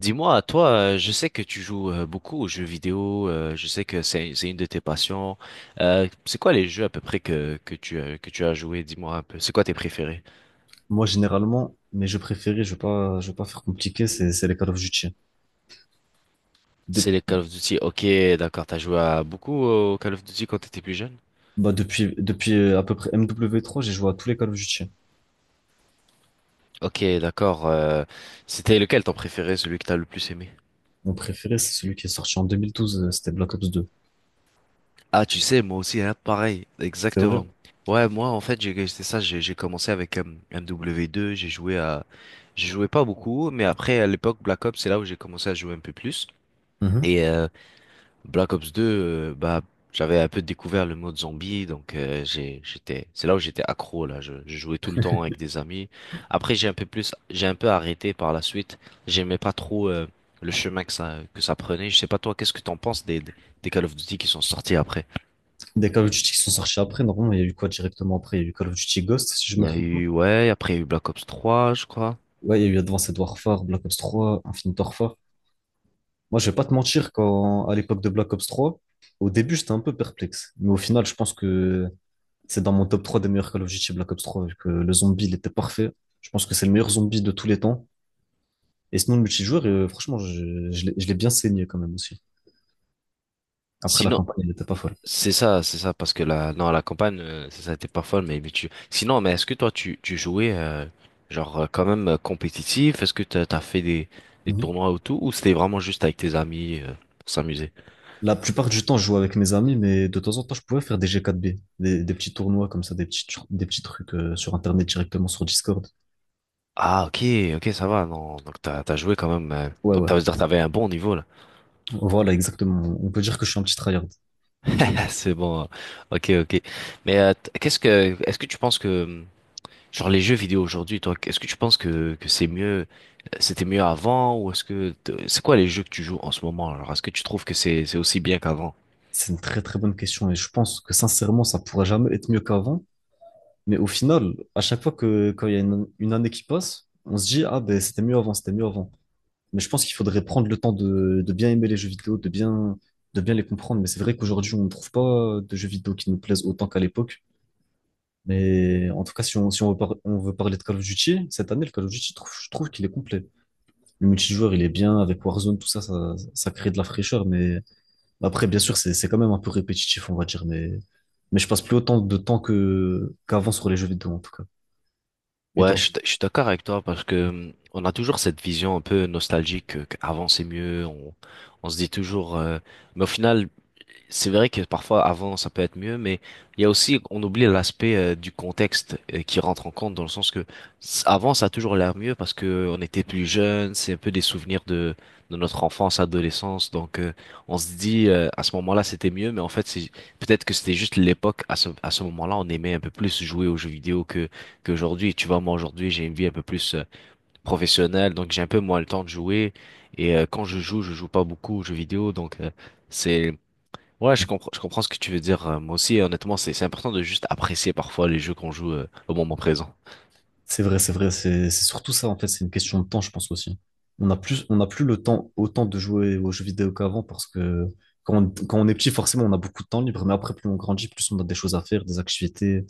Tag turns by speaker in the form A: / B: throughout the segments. A: Dis-moi, toi, je sais que tu joues beaucoup aux jeux vidéo, je sais que c'est une de tes passions. C'est quoi les jeux à peu près que que tu as joué? Dis-moi un peu. C'est quoi tes préférés?
B: Moi, généralement, mes jeux préférés, je vais pas faire compliqué, c'est les Call of Duty. De-
A: C'est les Call of Duty. Ok, d'accord. T'as joué à beaucoup au Call of Duty quand t'étais plus jeune?
B: bah, depuis à peu près MW3, j'ai joué à tous les Call of Duty.
A: Ok, d'accord. C'était lequel ton préféré, celui que t'as le plus aimé?
B: Mon préféré, c'est celui qui est sorti en 2012, c'était Black Ops 2.
A: Ah, tu sais, moi aussi, hein, pareil,
B: C'est
A: exactement.
B: vrai?
A: Ouais, moi, en fait, c'est ça, j'ai commencé avec MW2, j'ai joué pas beaucoup, mais après, à l'époque, Black Ops, c'est là où j'ai commencé à jouer un peu plus.
B: Mhm.
A: Et Black Ops 2, bah, j'avais un peu découvert le mode zombie, donc j'étais, c'est là où j'étais accro, là, je jouais tout le temps avec des amis. Après, j'ai un peu arrêté par la suite, j'aimais pas trop le chemin que ça prenait. Je sais pas toi, qu'est-ce que t'en penses des Call of Duty qui sont sortis après?
B: Des Call of Duty qui sont sortis après, normalement, il y a eu quoi directement après? Il y a eu Call of Duty Ghost, si je
A: Il y
B: me
A: a
B: trompe pas.
A: eu, ouais, après il y a eu Black Ops 3, je crois.
B: Ouais, il y a eu Advanced Warfare, Black Ops 3, Infinite Warfare. Moi, je vais pas te mentir, quand, à l'époque de Black Ops 3, au début, j'étais un peu perplexe. Mais au final, je pense que c'est dans mon top 3 des meilleurs Call of Duty Black Ops 3, vu que le zombie, il était parfait. Je pense que c'est le meilleur zombie de tous les temps. Et sinon, le multijoueur, franchement, je l'ai bien saigné quand même aussi. Après, la
A: Sinon,
B: campagne, elle n'était pas folle.
A: c'est ça, parce que la, non, la campagne, ça a été pas folle, mais mais est-ce que toi, tu jouais, genre, quand même compétitif? Est-ce que t'as fait des
B: Mhm.
A: tournois ou tout, ou c'était vraiment juste avec tes amis, pour s'amuser?
B: La plupart du temps, je jouais avec mes amis, mais de temps en temps, je pouvais faire des G4B, des petits tournois comme ça, des petits trucs sur Internet directement sur Discord.
A: Ah, ok, ok, ça va, non, donc t'as joué quand même,
B: Ouais, ouais.
A: c'est-à-dire t'avais un bon niveau, là.
B: Voilà, exactement. On peut dire que je suis un petit tryhard.
A: C'est bon, hein. Ok, ok. Mais, est-ce que tu penses que, genre les jeux vidéo aujourd'hui, toi, est-ce que tu penses que c'est mieux, c'était mieux avant, ou c'est quoi les jeux que tu joues en ce moment? Alors est-ce que tu trouves que c'est aussi bien qu'avant?
B: C'est une très très bonne question et je pense que sincèrement, ça pourra jamais être mieux qu'avant. Mais au final, à chaque fois que quand il y a une année qui passe, on se dit, ah ben c'était mieux avant, c'était mieux avant. Mais je pense qu'il faudrait prendre le temps de bien aimer les jeux vidéo, de bien les comprendre. Mais c'est vrai qu'aujourd'hui, on ne trouve pas de jeux vidéo qui nous plaisent autant qu'à l'époque. Mais en tout cas, si on, si on veut, par- on veut parler de Call of Duty, cette année, le Call of Duty, je trouve qu'il est complet. Le multijoueur, il est bien, avec Warzone, tout ça, ça crée de la fraîcheur. Mais après, bien sûr, c'est quand même un peu répétitif, on va dire. Mais je passe plus autant de temps qu'avant sur les jeux vidéo, en tout cas. Et
A: Ouais,
B: toi?
A: je suis d'accord avec toi, parce que on a toujours cette vision un peu nostalgique, qu'avant c'est mieux, on, se dit toujours, mais au final, c'est vrai que parfois avant ça peut être mieux, mais il y a aussi, on oublie l'aspect du contexte qui rentre en compte, dans le sens avant ça a toujours l'air mieux parce que on était plus jeune, c'est un peu des souvenirs de notre enfance, adolescence. Donc on se dit à ce moment-là c'était mieux, mais en fait c'est peut-être que c'était juste l'époque, à ce moment-là on aimait un peu plus jouer aux jeux vidéo que qu'aujourd'hui. Tu vois, moi aujourd'hui j'ai une vie un peu plus professionnelle, donc j'ai un peu moins le temps de jouer, et quand je joue pas beaucoup aux jeux vidéo, donc c'est. Ouais, je comprends ce que tu veux dire. Moi aussi, honnêtement, c'est important de juste apprécier parfois les jeux qu'on joue au moment présent.
B: C'est vrai, c'est vrai, c'est surtout ça en fait, c'est une question de temps, je pense aussi. On n'a plus le temps autant de jouer aux jeux vidéo qu'avant parce que quand on est petit, forcément, on a beaucoup de temps libre, mais après, plus on grandit, plus on a des choses à faire, des activités,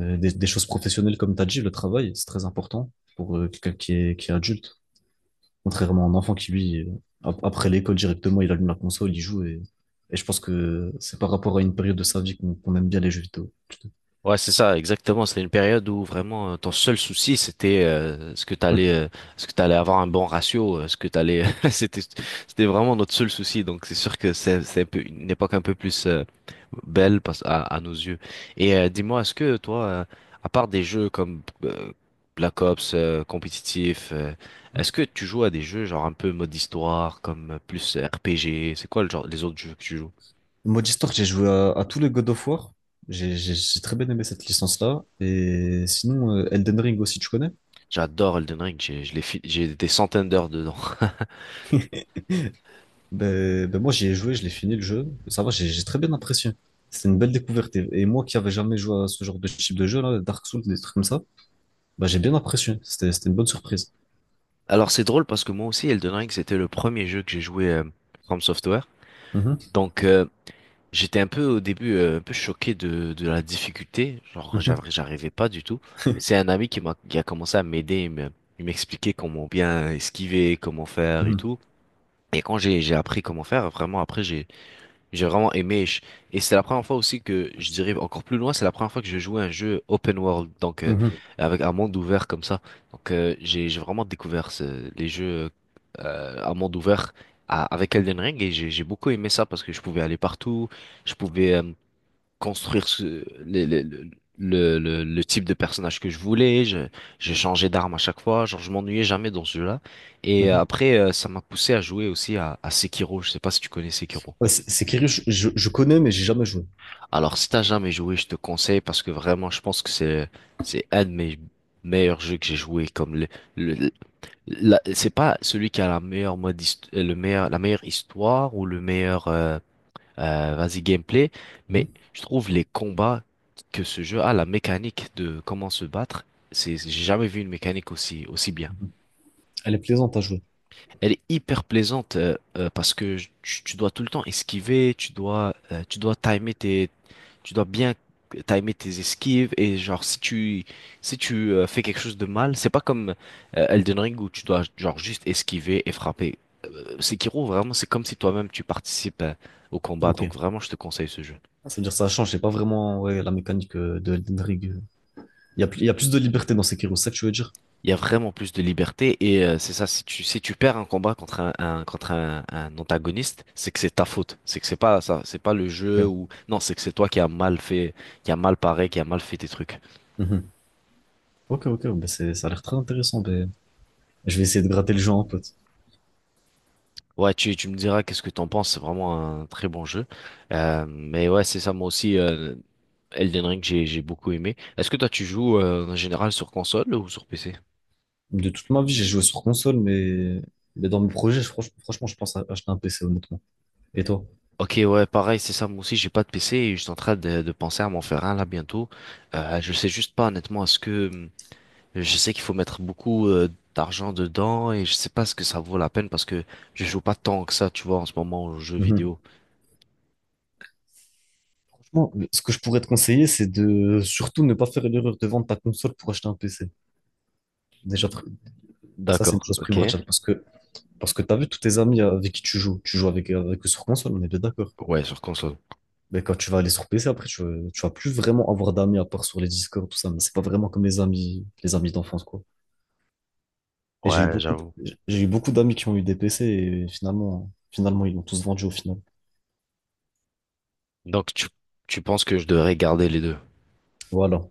B: des choses professionnelles, comme tu as dit, le travail, c'est très important pour quelqu'un qui est adulte, contrairement à un enfant qui, lui, après l'école directement, il allume la console, il joue, et je pense que c'est par rapport à une période de sa vie qu'on aime bien les jeux vidéo.
A: Ouais, c'est ça, exactement. C'était une période où vraiment ton seul souci, c'était ce que t'allais avoir un bon ratio, c'était, c'était vraiment notre seul souci. Donc c'est sûr que c'est un peu une époque un peu plus belle, à nos yeux. Et dis-moi, est-ce que toi, à part des jeux comme Black Ops compétitif, est-ce que tu joues à des jeux genre un peu mode histoire, comme plus RPG? C'est quoi le genre, les autres jeux que tu joues?
B: Mode Histoire, j'ai joué à tous les God of War. J'ai très bien aimé cette licence-là. Et sinon, Elden Ring aussi, tu connais?
A: J'adore Elden Ring, j'ai, je l'ai fi- j'ai des centaines d'heures dedans.
B: Ben moi, j'y ai joué, je l'ai fini le jeu. Ça va, j'ai très bien apprécié. C'était une belle découverte. Et moi qui avais jamais joué à ce genre de type de jeu, là, Dark Souls, des trucs comme ça, ben, j'ai bien apprécié. C'était une bonne surprise.
A: Alors c'est drôle parce que moi aussi Elden Ring c'était le premier jeu que j'ai joué, From Software.
B: Mhm,
A: Donc j'étais un peu au début un peu choqué de la difficulté, genre
B: mhm,
A: j'arrivais pas du tout. Et c'est un ami qui a commencé à m'aider, il m'expliquait comment bien esquiver, comment faire et
B: mhm,
A: tout. Et quand j'ai appris comment faire, vraiment après j'ai vraiment aimé. Et c'est la première fois aussi que, je dirais encore plus loin, c'est la première fois que je jouais à un jeu open world, donc
B: mhm,
A: avec un monde ouvert comme ça. Donc j'ai vraiment découvert les jeux à monde ouvert, avec Elden Ring, et j'ai beaucoup aimé ça parce que je pouvais aller partout, je pouvais construire le type de personnage que je voulais, je changeais d'arme à chaque fois, genre je m'ennuyais jamais dans ce jeu-là. Et
B: mhm.
A: après, ça m'a poussé à jouer aussi à Sekiro. Je sais pas si tu connais Sekiro.
B: Ouais, c'est curieux, je connais, mais j'ai jamais joué.
A: Alors, si t'as jamais joué, je te conseille, parce que vraiment, je pense que c'est un de mes meilleurs jeux que j'ai joué. Comme le- le- c'est pas celui qui a la meilleure mode, la meilleure histoire ou le meilleur, vas-y gameplay, mais
B: Mhm,
A: je trouve les combats que ce jeu a, la mécanique de comment se battre, c'est, j'ai jamais vu une mécanique aussi bien.
B: mhm. Elle est plaisante à jouer.
A: Elle est hyper plaisante, parce que tu dois tout le temps esquiver, tu dois bien timer tes esquives, et genre si tu fais quelque chose de mal, c'est pas comme Elden Ring où tu dois genre juste esquiver et frapper. Sekiro, vraiment, c'est comme si toi-même tu participes au combat,
B: Ok.
A: donc vraiment, je te conseille ce jeu.
B: C'est-à-dire ça change, c'est pas vraiment ouais, la mécanique de Elden Ring. Il y a plus de liberté dans Sekiro, c'est ça que tu veux dire?
A: Il y a vraiment plus de liberté, et c'est ça, si tu perds un combat contre un antagoniste, c'est que c'est ta faute, c'est que c'est pas ça, c'est pas le
B: Ok.
A: jeu. Ou non, c'est que c'est toi qui a mal fait, qui a mal paré, qui a mal fait tes trucs.
B: Mhm. Ok, ok, ben ça a l'air très intéressant. Ben, je vais essayer de gratter le jeu en pote.
A: Ouais, tu me diras qu'est-ce que t'en penses, c'est vraiment un très bon jeu. Mais ouais, c'est ça, moi aussi, Elden Ring j'ai beaucoup aimé. Est-ce que toi tu joues en général sur console ou sur PC?
B: De toute ma vie, j'ai joué sur console, mais dans mes projets, franchement, je pense à acheter un PC, honnêtement. Et toi?
A: Ok, ouais, pareil, c'est ça. Moi aussi, j'ai pas de PC et je suis en train de penser à m'en faire un là bientôt. Je sais juste pas honnêtement, est-ce que Je sais qu'il faut mettre beaucoup d'argent dedans, et je sais pas ce que ça vaut la peine parce que je joue pas tant que ça, tu vois, en ce moment aux jeux
B: Mhm.
A: vidéo.
B: Franchement, ce que je pourrais te conseiller, c'est de surtout ne pas faire l'erreur de vendre ta console pour acheter un PC. Déjà, pr- ça, c'est une
A: D'accord,
B: chose
A: ok.
B: primordiale parce que t'as vu tous tes amis avec qui tu joues avec eux sur console, on est bien d'accord.
A: Ouais, sur console.
B: Mais quand tu vas aller sur PC, après, tu vas plus vraiment avoir d'amis à part sur les Discord, tout ça. Mais c'est pas vraiment comme les amis d'enfance, quoi. Et j'ai eu
A: Ouais, j'avoue.
B: j'ai eu beaucoup d'amis qui ont eu des PC et finalement, ils l'ont tous vendu au final.
A: Donc tu penses que je devrais garder les deux.
B: Voilà.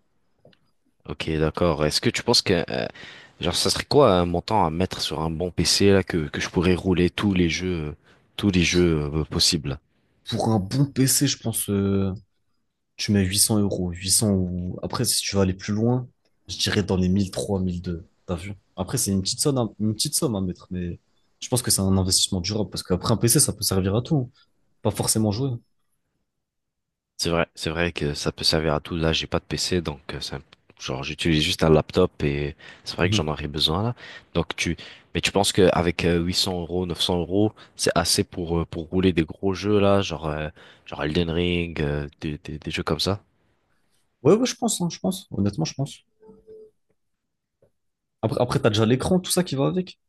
A: Ok, d'accord. Est-ce que tu penses que genre ça serait quoi un montant à mettre sur un bon PC, là que je pourrais rouler tous les jeux, possibles?
B: Pour un bon PC, je pense, tu mets 800 euros, 800 ou... Après, si tu veux aller plus loin, je dirais dans les 1003, 1002, t'as vu? Après, c'est une petite somme, une petite somme à mettre, mais je pense que c'est un investissement durable, parce qu'après un PC, ça peut servir à tout, hein. Pas forcément jouer.
A: C'est vrai que ça peut servir à tout. Là, j'ai pas de PC, donc genre j'utilise juste un laptop, et c'est vrai que j'en
B: Mhm.
A: aurais besoin là. Donc tu, mais tu penses qu'avec 800 euros, 900 euros, c'est assez pour rouler des gros jeux là, genre genre Elden Ring, des jeux comme ça?
B: Ouais, ouais, je pense, hein, je pense, honnêtement, je pense. Après, t'as déjà l'écran, tout ça qui va avec,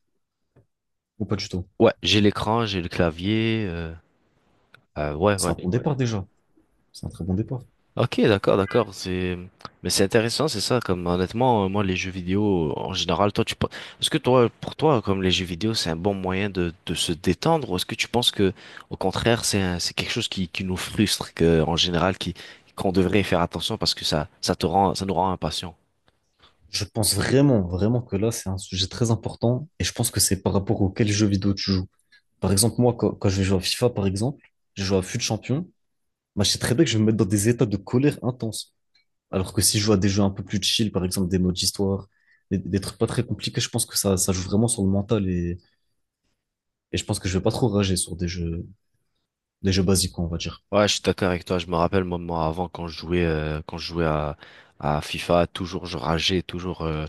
B: ou pas du tout?
A: Ouais, j'ai l'écran, j'ai le clavier. Ouais,
B: C'est un bon,
A: ouais.
B: ouais, départ déjà, c'est un très bon départ.
A: Ok, d'accord, d'accord. Mais c'est intéressant, c'est ça. Comme honnêtement, moi, les jeux vidéo en général, toi, est-ce que toi, pour toi, comme les jeux vidéo, c'est un bon moyen de se détendre, ou est-ce que tu penses que, au contraire, c'est quelque chose qui nous frustre, que en général, qui qu'on devrait faire attention parce que ça nous rend impatients.
B: Je pense vraiment, vraiment que là, c'est un sujet très important, et je pense que c'est par rapport auquel jeu vidéo tu joues. Par exemple, moi, quand je vais jouer à FIFA, par exemple, je joue à FUT Champion. Moi, je sais très bien que je vais me mettre dans des états de colère intense. Alors que si je joue à des jeux un peu plus chill, par exemple des modes d'histoire, des trucs pas très compliqués, je pense que ça joue vraiment sur le mental et je pense que je vais pas trop rager sur des jeux basiques, on va dire.
A: Ouais, je suis d'accord avec toi. Je me rappelle, moi, avant, quand je jouais à FIFA, toujours je rageais, toujours,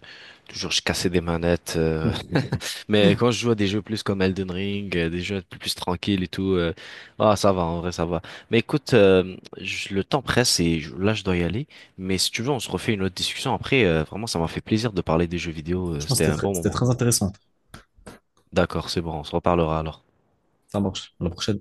A: toujours je cassais des manettes.
B: Hum,
A: Mais quand je joue à des jeux plus comme Elden Ring, des jeux plus tranquilles et tout, ah, ça va, en vrai, ça va. Mais écoute, le temps presse, et là, je dois y aller. Mais si tu veux, on se refait une autre discussion après. Vraiment, ça m'a fait plaisir de parler des jeux vidéo.
B: Franchement,
A: C'était un bon
B: c'était
A: moment.
B: très intéressant.
A: D'accord, c'est bon, on se reparlera alors.
B: Ça marche. À la prochaine.